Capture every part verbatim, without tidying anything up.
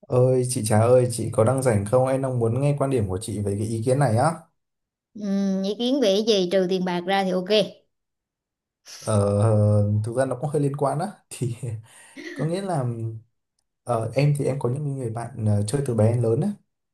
Ơi chị Trà ơi, chị có đang rảnh không? Em đang muốn nghe quan điểm của chị về cái ý kiến này á. Ừm, ý kiến về cái gì trừ tiền bạc ra thì ok. Ờ, Thực ra nó cũng hơi liên quan á thì có nghĩa là ờ, em thì em có những người bạn ờ, chơi từ bé đến lớn á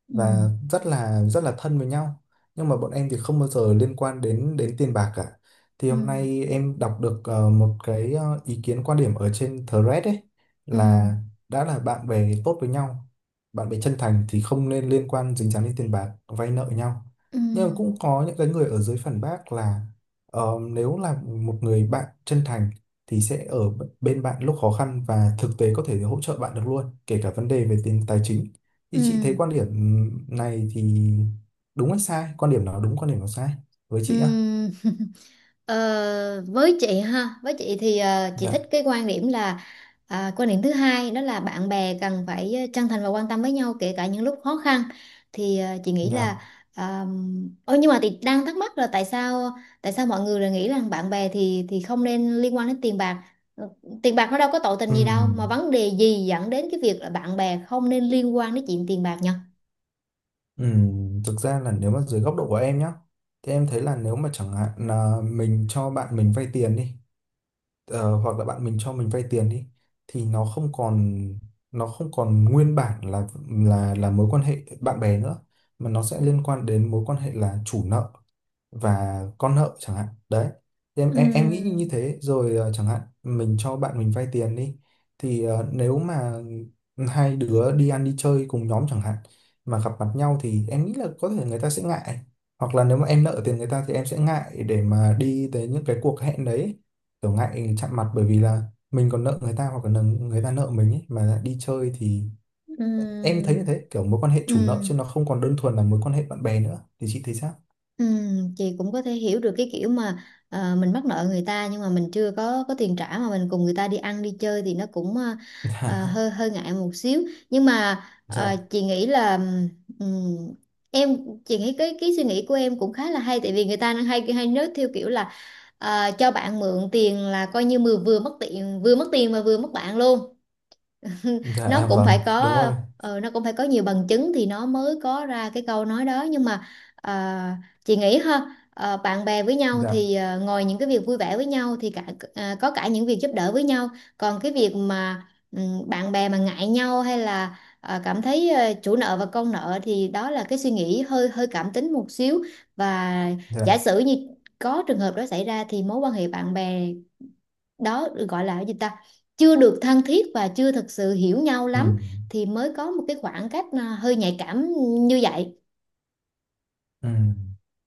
Ừm. và rất là rất là thân với nhau, nhưng mà bọn em thì không bao giờ liên quan đến đến tiền bạc cả. Thì hôm Ừm. nay em đọc được ờ, một cái ờ, ý kiến quan điểm ở trên thread ấy là Ừm. đã là bạn bè tốt với nhau, bạn bè chân thành thì không nên liên quan dính dáng đến tiền bạc vay nợ nhau. Nhưng mà Ừm. cũng có những cái người ở dưới phản bác là, ờ, nếu là một người bạn chân thành thì sẽ ở b- bên bạn lúc khó khăn và thực tế có thể hỗ trợ bạn được luôn, kể cả vấn đề về tiền tài chính. Thì chị thấy Ừm. quan điểm này thì đúng hay sai? Quan điểm nào đúng, quan điểm nào sai với chị á? Ừm. Ờ, với chị ha, với chị thì ờ, chị Dạ, thích cái quan điểm là à, quan điểm thứ hai đó là bạn bè cần phải ờ, chân thành và quan tâm với nhau kể cả những lúc khó khăn. Thì ờ, chị nghĩ là dạ. um, ôi, nhưng mà chị đang thắc mắc là tại sao tại sao mọi người lại nghĩ rằng bạn bè thì thì không nên liên quan đến tiền bạc. Ừ. Tiền bạc nó đâu có tội tình gì đâu mà Ừm, vấn đề gì dẫn đến cái việc là bạn bè không nên liên quan đến chuyện tiền bạc nhỉ? ừm, thực ra là nếu mà dưới góc độ của em nhá, thì em thấy là nếu mà chẳng hạn là mình cho bạn mình vay tiền đi, ờ, hoặc là bạn mình cho mình vay tiền đi, thì nó không còn nó không còn nguyên bản là là là mối quan hệ bạn bè nữa, mà nó sẽ liên quan đến mối quan hệ là chủ nợ và con nợ chẳng hạn đấy. Thì em em, em nghĩ như Ừm. thế rồi. Ờ, chẳng hạn mình cho bạn mình vay tiền đi thì ờ, nếu mà hai đứa đi ăn đi chơi cùng nhóm chẳng hạn mà gặp mặt nhau thì em nghĩ là có thể người ta sẽ ngại, hoặc là nếu mà em nợ tiền người ta thì em sẽ ngại để mà đi tới những cái cuộc hẹn đấy, kiểu ngại chạm mặt, bởi vì là mình còn nợ người ta hoặc là người ta nợ mình ấy mà lại đi chơi thì em thấy như Ừm. thế, kiểu mối quan hệ chủ nợ Ừ. chứ nó không còn đơn thuần là mối quan hệ bạn bè nữa. Thì chị thấy sao? Ừm, chị cũng có thể hiểu được cái kiểu mà ờ, mình mắc nợ người ta nhưng mà mình chưa có có tiền trả mà mình cùng người ta đi ăn đi chơi thì nó cũng, ờ, ờ, hơi hơi ngại một xíu, nhưng mà ờ, Dạ. chị nghĩ là ừm, em chị nghĩ cái cái suy nghĩ của em cũng khá là hay, tại vì người ta hay hay nói theo kiểu là ờ, cho bạn mượn tiền là coi như vừa vừa mất tiền vừa mất tiền mà vừa mất bạn luôn. Dạ, nó à, cũng phải vâng đúng có rồi. ờ, nó cũng phải có nhiều bằng chứng thì nó mới có ra cái câu nói đó, nhưng mà ờ, chị nghĩ ha, ờ, bạn bè với nhau Dạ. thì ờ, ngoài những cái việc vui vẻ với nhau thì cả, ờ, có cả những việc giúp đỡ với nhau. Còn cái việc mà ừm, bạn bè mà ngại nhau hay là ờ, cảm thấy ờ, chủ nợ và con nợ thì đó là cái suy nghĩ hơi hơi cảm tính một xíu. Và giả Dạ. sử như có trường hợp đó xảy ra thì mối quan hệ bạn bè đó, gọi là gì ta, chưa được thân thiết và chưa thực sự hiểu nhau Ừ. lắm thì mới có một cái khoảng cách, à, hơi nhạy cảm như vậy. Ừ.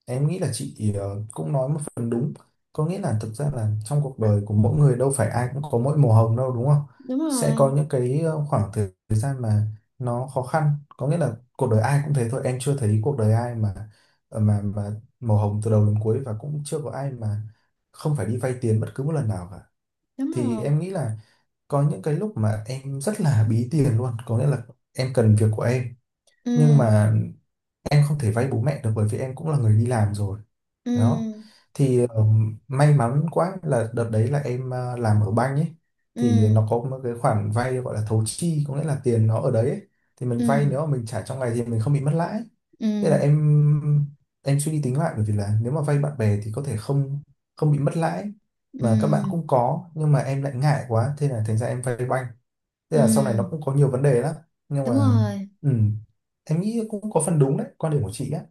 Em nghĩ là chị ờ, cũng nói một phần đúng. Có nghĩa là thực ra là trong cuộc đời của mỗi người đâu phải ai cũng có mỗi màu hồng đâu, đúng không? Đúng Sẽ có rồi. những cái ờ, khoảng thời thời gian mà nó khó khăn. Có nghĩa là cuộc đời ai cũng thế thôi. Em chưa thấy cuộc đời ai mà ờ, mà mà màu hồng từ đầu đến cuối, và cũng chưa có ai mà không phải đi vay tiền bất cứ một lần nào cả. Đúng Thì rồi. em nghĩ là có những cái lúc mà em rất là bí tiền luôn. Có nghĩa là em cần việc của em, Ừ. nhưng mà em không thể vay bố mẹ được bởi vì em cũng là người đi làm rồi Ừ. đó. Thì ừm, may mắn quá là đợt đấy là em ờ, làm ở banh ấy, Ừ. thì nó có một cái khoản vay gọi là thấu chi, có nghĩa là tiền nó ở đấy ấy. Thì mình vay, Ừ. nếu mà mình trả trong ngày thì mình không bị mất lãi. Ừ. Thế là em em suy đi tính lại, bởi vì là nếu mà vay bạn bè thì có thể không không bị mất lãi mà các bạn Ừ. cũng có, nhưng mà em lại ngại quá, thế là thành ra em vay banh. Thế Ừ. là sau này nó cũng có nhiều vấn đề lắm, nhưng Đúng mà rồi. ừ, em nghĩ cũng có phần đúng đấy quan điểm của chị á.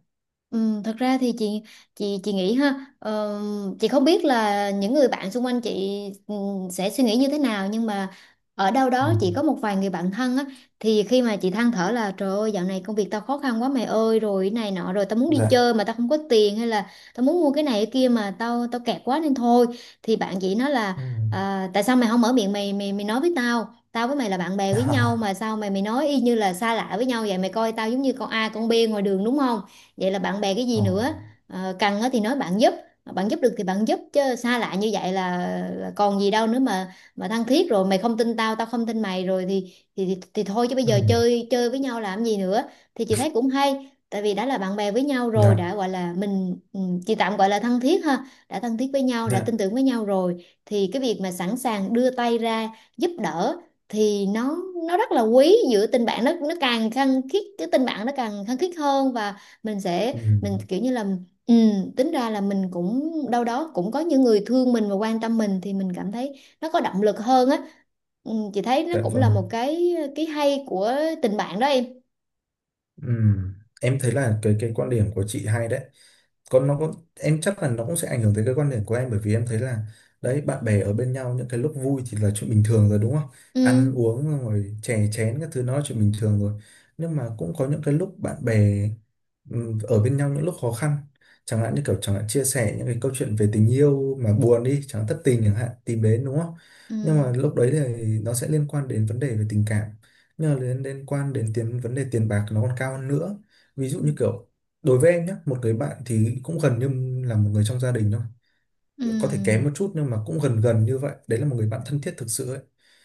Ừ, thật ra thì chị chị chị nghĩ ha, ờ, chị không biết là những người bạn xung quanh chị, ừ, sẽ suy nghĩ như thế nào, nhưng mà ở đâu Ừ. đó chị có một vài người bạn thân á, thì khi mà chị than thở là "Trời ơi, dạo này công việc tao khó khăn quá mày ơi, rồi cái này nọ, rồi tao muốn đi Dạ. chơi mà tao không có tiền, hay là tao muốn mua cái này cái kia mà tao tao kẹt quá nên thôi", thì bạn chị nói là: Ừ. "À, tại sao mày không mở miệng mày, mày mày nói với tao? Tao với mày là bạn bè với nhau À. mà sao mày mày nói y như là xa lạ với nhau vậy? Mày coi tao giống như con A con B ngoài đường đúng không? Vậy là bạn bè cái gì Ờ. nữa? Ờ, cần á thì nói bạn giúp. Mà bạn giúp được thì bạn giúp, chứ xa lạ như vậy là, là còn gì đâu nữa, mà mà thân thiết rồi mày không tin tao, tao không tin mày rồi thì thì thì, thì thôi, chứ bây Ừ. giờ chơi chơi với nhau làm gì nữa." Thì chị thấy cũng hay, tại vì đã là bạn bè với nhau rồi, Dạ. đã gọi là mình, ừ, chị tạm gọi là thân thiết ha, đã thân thiết với nhau, đã tin Dạ. tưởng với nhau rồi thì cái việc mà sẵn sàng đưa tay ra giúp đỡ, thì nó nó rất là quý, giữa tình bạn nó nó càng khăng khít, cái tình bạn nó càng khăng khít hơn. Và mình sẽ, Ừ. mình kiểu như là, ừ, tính ra là mình cũng đâu đó cũng có những người thương mình và quan tâm mình thì mình cảm thấy nó có động lực hơn á. Ừ, chị thấy nó Dạ cũng là vâng. một cái cái hay của tình bạn đó em. Ừ. Em thấy là cái cái quan điểm của chị hay đấy. Còn nó có, em chắc là nó cũng sẽ ảnh hưởng tới cái quan điểm của em, bởi vì em thấy là đấy bạn bè ở bên nhau những cái lúc vui thì là chuyện bình thường rồi đúng không, Ừ. ăn uống rồi chè chén các thứ nó là chuyện bình thường rồi, nhưng mà cũng có những cái lúc bạn bè ừm, ở bên nhau những lúc khó khăn, chẳng hạn như kiểu chẳng hạn chia sẻ những cái câu chuyện về tình yêu mà buồn đi chẳng hạn, thất tình chẳng hạn, tìm đến đúng không. Ừ. Nhưng mà lúc đấy thì nó sẽ liên quan đến vấn đề về tình cảm, nhưng mà liên liên quan đến tiền, vấn đề tiền bạc nó còn cao hơn nữa. Ví dụ Ừ. như kiểu đối với em nhé, một người bạn thì cũng gần như là một người trong gia đình thôi, có thể kém Ừ. một chút nhưng mà cũng gần gần như vậy đấy, là một người bạn thân thiết thực sự ấy,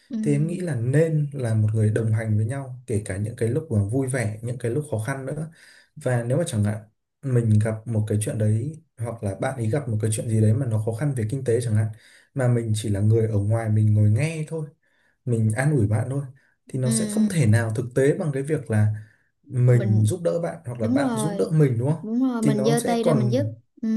Ừ. thì em nghĩ là nên là một người đồng hành với nhau kể cả những cái lúc mà vui vẻ, những cái lúc khó khăn nữa. Và nếu mà chẳng hạn mình gặp một cái chuyện đấy, hoặc là bạn ấy gặp một cái chuyện gì đấy mà nó khó khăn về kinh tế chẳng hạn, mà mình chỉ là người ở ngoài, mình ngồi nghe thôi, mình an ủi bạn thôi, thì Ừ. nó sẽ không thể nào thực tế bằng cái việc là mình Mình. giúp đỡ bạn hoặc là Đúng bạn giúp đỡ rồi, mình đúng không. đúng rồi, Thì mình nó giơ sẽ tay ra mình giúp. còn Ừ.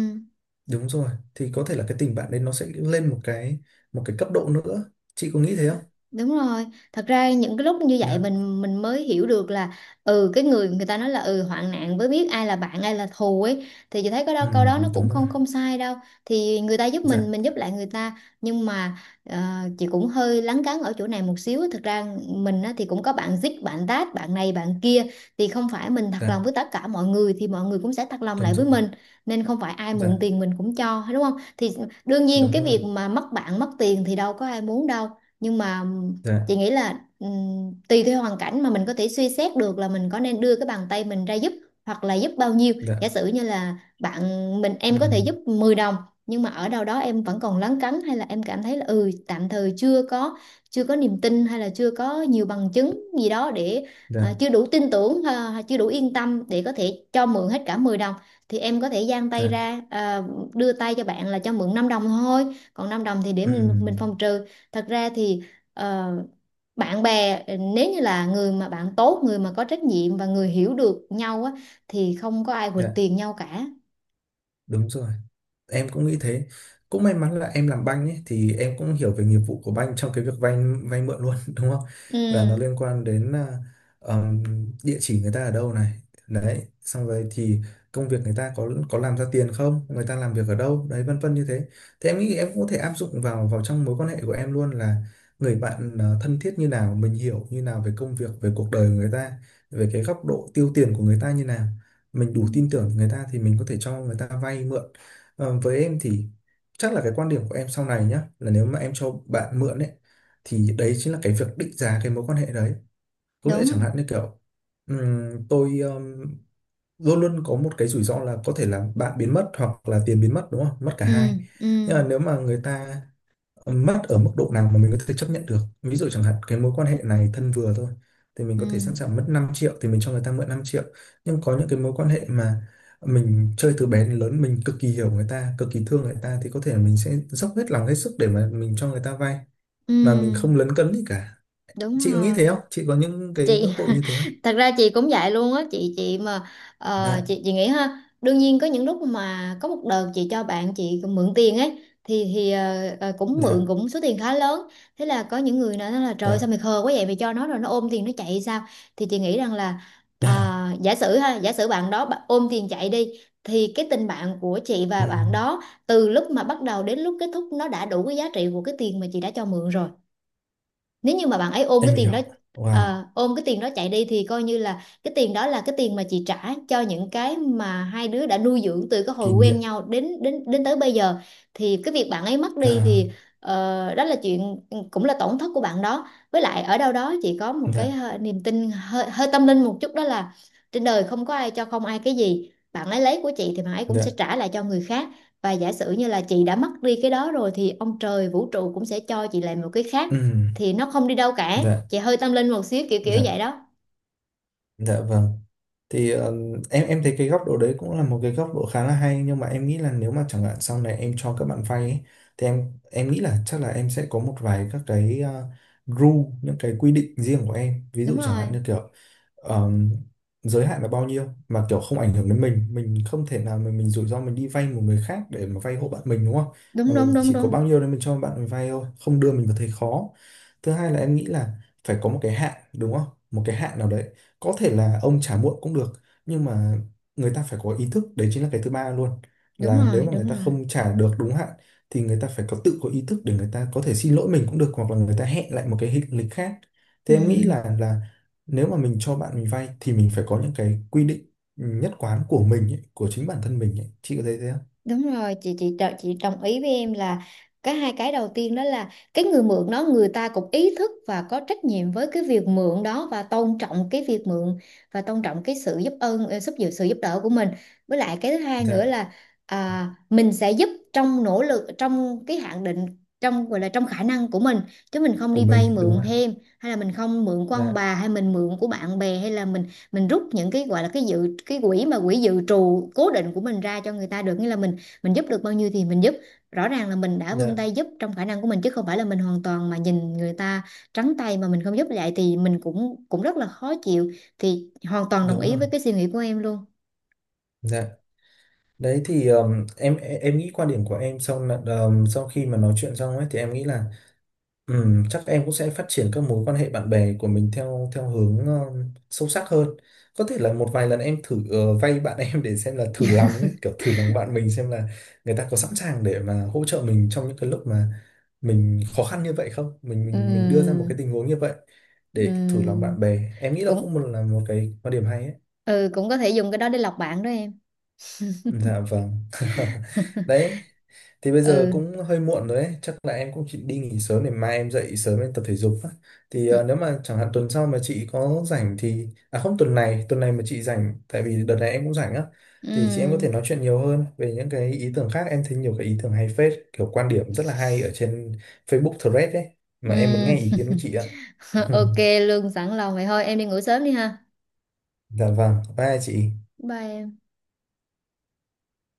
đúng rồi, thì có thể là cái tình bạn đấy nó sẽ lên một cái, một cái cấp độ nữa, chị có nghĩ thế không? Đúng rồi, thật ra những cái lúc như vậy mình mình mới hiểu được là, ừ, cái người người ta nói là, ừ, hoạn nạn mới biết ai là bạn ai là thù ấy, thì chị thấy có Ừ, đó, câu đó nó cũng đúng rồi. không không sai đâu. Thì người ta giúp Dạ, mình mình giúp lại người ta, nhưng mà ờ, chị cũng hơi lấn cấn ở chỗ này một xíu. Thật ra mình á, thì cũng có bạn dít, bạn tát, bạn này bạn kia, thì không phải mình thật lòng dạ, với tất cả mọi người thì mọi người cũng sẽ thật lòng lại đúng với rồi. mình, nên không phải ai mượn Dạ, tiền mình cũng cho, đúng không? Thì đương nhiên đúng cái rồi. việc mà mất bạn mất tiền thì đâu có ai muốn đâu, nhưng mà Dạ, chị nghĩ là, ừm, tùy theo hoàn cảnh mà mình có thể suy xét được là mình có nên đưa cái bàn tay mình ra giúp, hoặc là giúp bao nhiêu. dạ. Giả sử như là bạn mình, Ừ, em có thể giúp mười đồng, nhưng mà ở đâu đó em vẫn còn lấn cấn, hay là em cảm thấy là, ừ, tạm thời chưa có chưa có niềm tin, hay là chưa có nhiều bằng chứng gì đó để, à, dạ, chưa đủ tin tưởng, à, chưa đủ yên tâm để có thể cho mượn hết cả mười đồng, thì em có thể dang tay dạ. ra, à, đưa tay cho bạn là cho mượn năm đồng thôi, còn năm đồng thì để Ừ, mình mình phòng trừ. Thật ra thì ờ, bạn bè, ờ, nếu như là người mà bạn tốt, người mà có trách nhiệm và người hiểu được nhau á, thì không có ai quỵt dạ, tiền nhau cả. đúng rồi. Em cũng nghĩ thế. Cũng may mắn là em làm banh ấy thì em cũng hiểu về nghiệp vụ của banh trong cái việc vay, vay mượn luôn đúng không, Ừ. là nó liên quan đến à, ờm, địa chỉ người ta ở đâu này, đấy xong rồi thì công việc người ta có có làm ra tiền không, người ta làm việc ở đâu đấy, vân vân như thế. Thế em nghĩ em cũng có thể áp dụng vào vào trong mối quan hệ của em luôn, là người bạn ờ, thân thiết như nào, mình hiểu như nào về công việc, về cuộc đời của người ta, về cái góc độ tiêu tiền của người ta như nào, mình đủ tin tưởng người ta thì mình có thể cho người ta vay mượn. Ờ, với em thì chắc là cái quan điểm của em sau này nhá, là nếu mà em cho bạn mượn ấy, thì đấy chính là cái việc định giá cái mối quan hệ đấy. Có nghĩa chẳng Đúng. hạn như kiểu ừm, tôi ừm, luôn luôn có một cái rủi ro là có thể là bạn biến mất hoặc là tiền biến mất đúng không, mất cả Ừ. hai. Ừ. Nhưng mà nếu mà người ta mất ở mức độ nào mà mình có thể chấp nhận được, ví dụ chẳng hạn cái mối quan hệ này thân vừa thôi thì mình Ừ. có thể sẵn sàng mất năm triệu thì mình cho người ta mượn năm triệu. Nhưng có những cái mối quan hệ mà mình chơi từ bé đến lớn, mình cực kỳ hiểu người ta, cực kỳ thương người ta, thì có thể mình sẽ dốc hết lòng hết sức để mà mình cho người ta vay mà mình không Ừ. lấn cấn gì cả. Chị Đúng có nghĩ thế rồi. không, chị có những cái Chị góc độ như thế không? thật ra chị cũng vậy luôn á. Chị chị mà ờ, Dạ. chị chị nghĩ ha, đương nhiên có những lúc mà có một đợt chị cho bạn chị mượn tiền ấy, thì thì ờ, ờ, cũng mượn Dạ. cũng số tiền khá lớn. Thế là có những người nói là: "Trời, Dạ. sao mày khờ quá vậy, mày cho nó rồi nó ôm tiền nó chạy sao?" Thì chị nghĩ rằng là, Dạ. à, giả sử ha, giả sử bạn đó, bạn ôm tiền chạy đi, thì cái tình bạn của chị và Ừ, bạn đó, từ lúc mà bắt đầu đến lúc kết thúc, nó đã đủ cái giá trị của cái tiền mà chị đã cho mượn rồi. Nếu như mà bạn ấy ôm cái em tiền hiểu. đó, Wow. ờ, ôm cái tiền đó chạy đi, thì coi như là cái tiền đó là cái tiền mà chị trả cho những cái mà hai đứa đã nuôi dưỡng từ cái hồi Kỷ niệm. quen nhau đến đến đến tới bây giờ. Thì cái việc bạn ấy mất đi Là. thì, ờ, đó là chuyện, ừ, cũng là tổn thất của bạn đó. Với lại ở đâu đó chị có một cái Dạ. hơi- niềm tin hơi, hơi tâm linh một chút, đó là trên đời không có ai cho không ai cái gì. Bạn ấy lấy của chị thì bạn ấy cũng sẽ Dạ. trả lại cho người khác. Và giả sử như là chị đã mất đi cái đó rồi, thì ông trời vũ trụ cũng sẽ cho chị lại một cái khác, Ừ, thì nó không đi đâu cả. dạ. Chị hơi tâm linh một xíu, kiểu kiểu vậy Dạ. đó. Dạ vâng. Thì ờ, em em thấy cái góc độ đấy cũng là một cái góc độ khá là hay, nhưng mà em nghĩ là nếu mà chẳng hạn sau này em cho các bạn vay ấy, thì em em nghĩ là chắc là em sẽ có một vài các cái ờ, rule, những cái quy định riêng của em, ví Đúng dụ chẳng hạn rồi. như kiểu ờm, giới hạn là bao nhiêu mà kiểu không ảnh hưởng đến mình mình không thể nào mà mình rủi ro, mình đi vay một người khác để mà vay hộ bạn mình đúng không, mà Đúng. mình Đúng. Đúng. chỉ có Đúng. bao nhiêu đấy mình cho bạn mình vay thôi, không đưa mình vào thế khó. Thứ hai là em nghĩ là phải có một cái hạn đúng không, một cái hạn nào đấy, có thể là ông trả muộn cũng được, nhưng mà người ta phải có ý thức, đấy chính là cái thứ ba luôn, Đúng là nếu rồi. mà Đúng người ta rồi. không trả được đúng hạn thì người ta phải có tự có ý thức để người ta có thể xin lỗi mình cũng được, hoặc là người ta hẹn lại một cái hình- lịch khác. Ừ. Thế em nghĩ là là nếu mà mình cho bạn mình vay thì mình phải có những cái quy định nhất quán của mình ấy, của chính bản thân mình ấy. Chị có thấy thế không? Đúng rồi, chị chị đo- chị đồng ý với em là cái hai cái đầu tiên đó là cái người mượn đó, người ta cũng ý thức và có trách nhiệm với cái việc mượn đó, và tôn trọng cái việc mượn, và tôn trọng cái sự giúp ơn, ờ, giúp sự sự giúp đỡ của mình. Với lại cái thứ hai nữa Dạ. là, à, mình sẽ giúp trong nỗ lực, trong cái hạn định, trong gọi là trong khả năng của mình, chứ mình không Của đi mình vay đúng mượn không. thêm hay là mình không mượn của ông Dạ. bà, hay mình mượn của bạn bè, hay là mình mình rút những cái gọi là cái dự cái quỹ, mà quỹ dự trù cố định của mình ra cho người ta được, nghĩa là mình mình giúp được bao nhiêu thì mình giúp, rõ ràng là mình đã vươn Dạ, tay giúp trong khả năng của mình, chứ không phải là mình hoàn toàn mà nhìn người ta trắng tay mà mình không giúp lại thì mình cũng cũng rất là khó chịu. Thì hoàn toàn đồng đúng ý rồi. với cái suy nghĩ của em luôn. Dạ. Đấy, thì um, em em em nghĩ quan điểm của em sau là- um, sau khi mà nói chuyện xong ấy thì em nghĩ là ừ, chắc em cũng sẽ phát triển các mối quan hệ bạn bè của mình theo theo hướng ờ, sâu sắc hơn. Có thể là một vài lần em thử ờ, vay bạn em, để xem là thử lòng đấy, kiểu thử lòng bạn mình xem là người ta có sẵn sàng để mà hỗ trợ mình trong những cái lúc mà mình khó khăn như vậy không? Mình mình mình đưa ra một Ừm. cái tình huống như vậy để thử lòng Ừm. bạn bè. Em nghĩ là cũng Cũng, một là một cái quan điểm hay ấy. ừ, cũng có thể dùng cái đó để lọc bạn đó em. Dạ vâng. Đấy, thì bây giờ Ừ. cũng hơi muộn rồi đấy, chắc là em cũng chỉ đi nghỉ sớm để mai em dậy sớm em tập thể dục á. Thì ờ, nếu mà chẳng hạn tuần sau mà chị có rảnh thì à không, tuần này, tuần này mà chị rảnh tại vì đợt này em cũng rảnh á, thì chị em có Ừm. thể nói chuyện nhiều hơn về những cái ý tưởng khác. Em thấy nhiều cái ý tưởng hay phết, kiểu quan điểm rất là hay ở trên Facebook Thread đấy, mà em muốn Ừm. nghe ý kiến của chị ạ. Ok. Lương sẵn lòng vậy, thôi em đi ngủ sớm đi ha. Dạ vâng, bye chị. Bye em.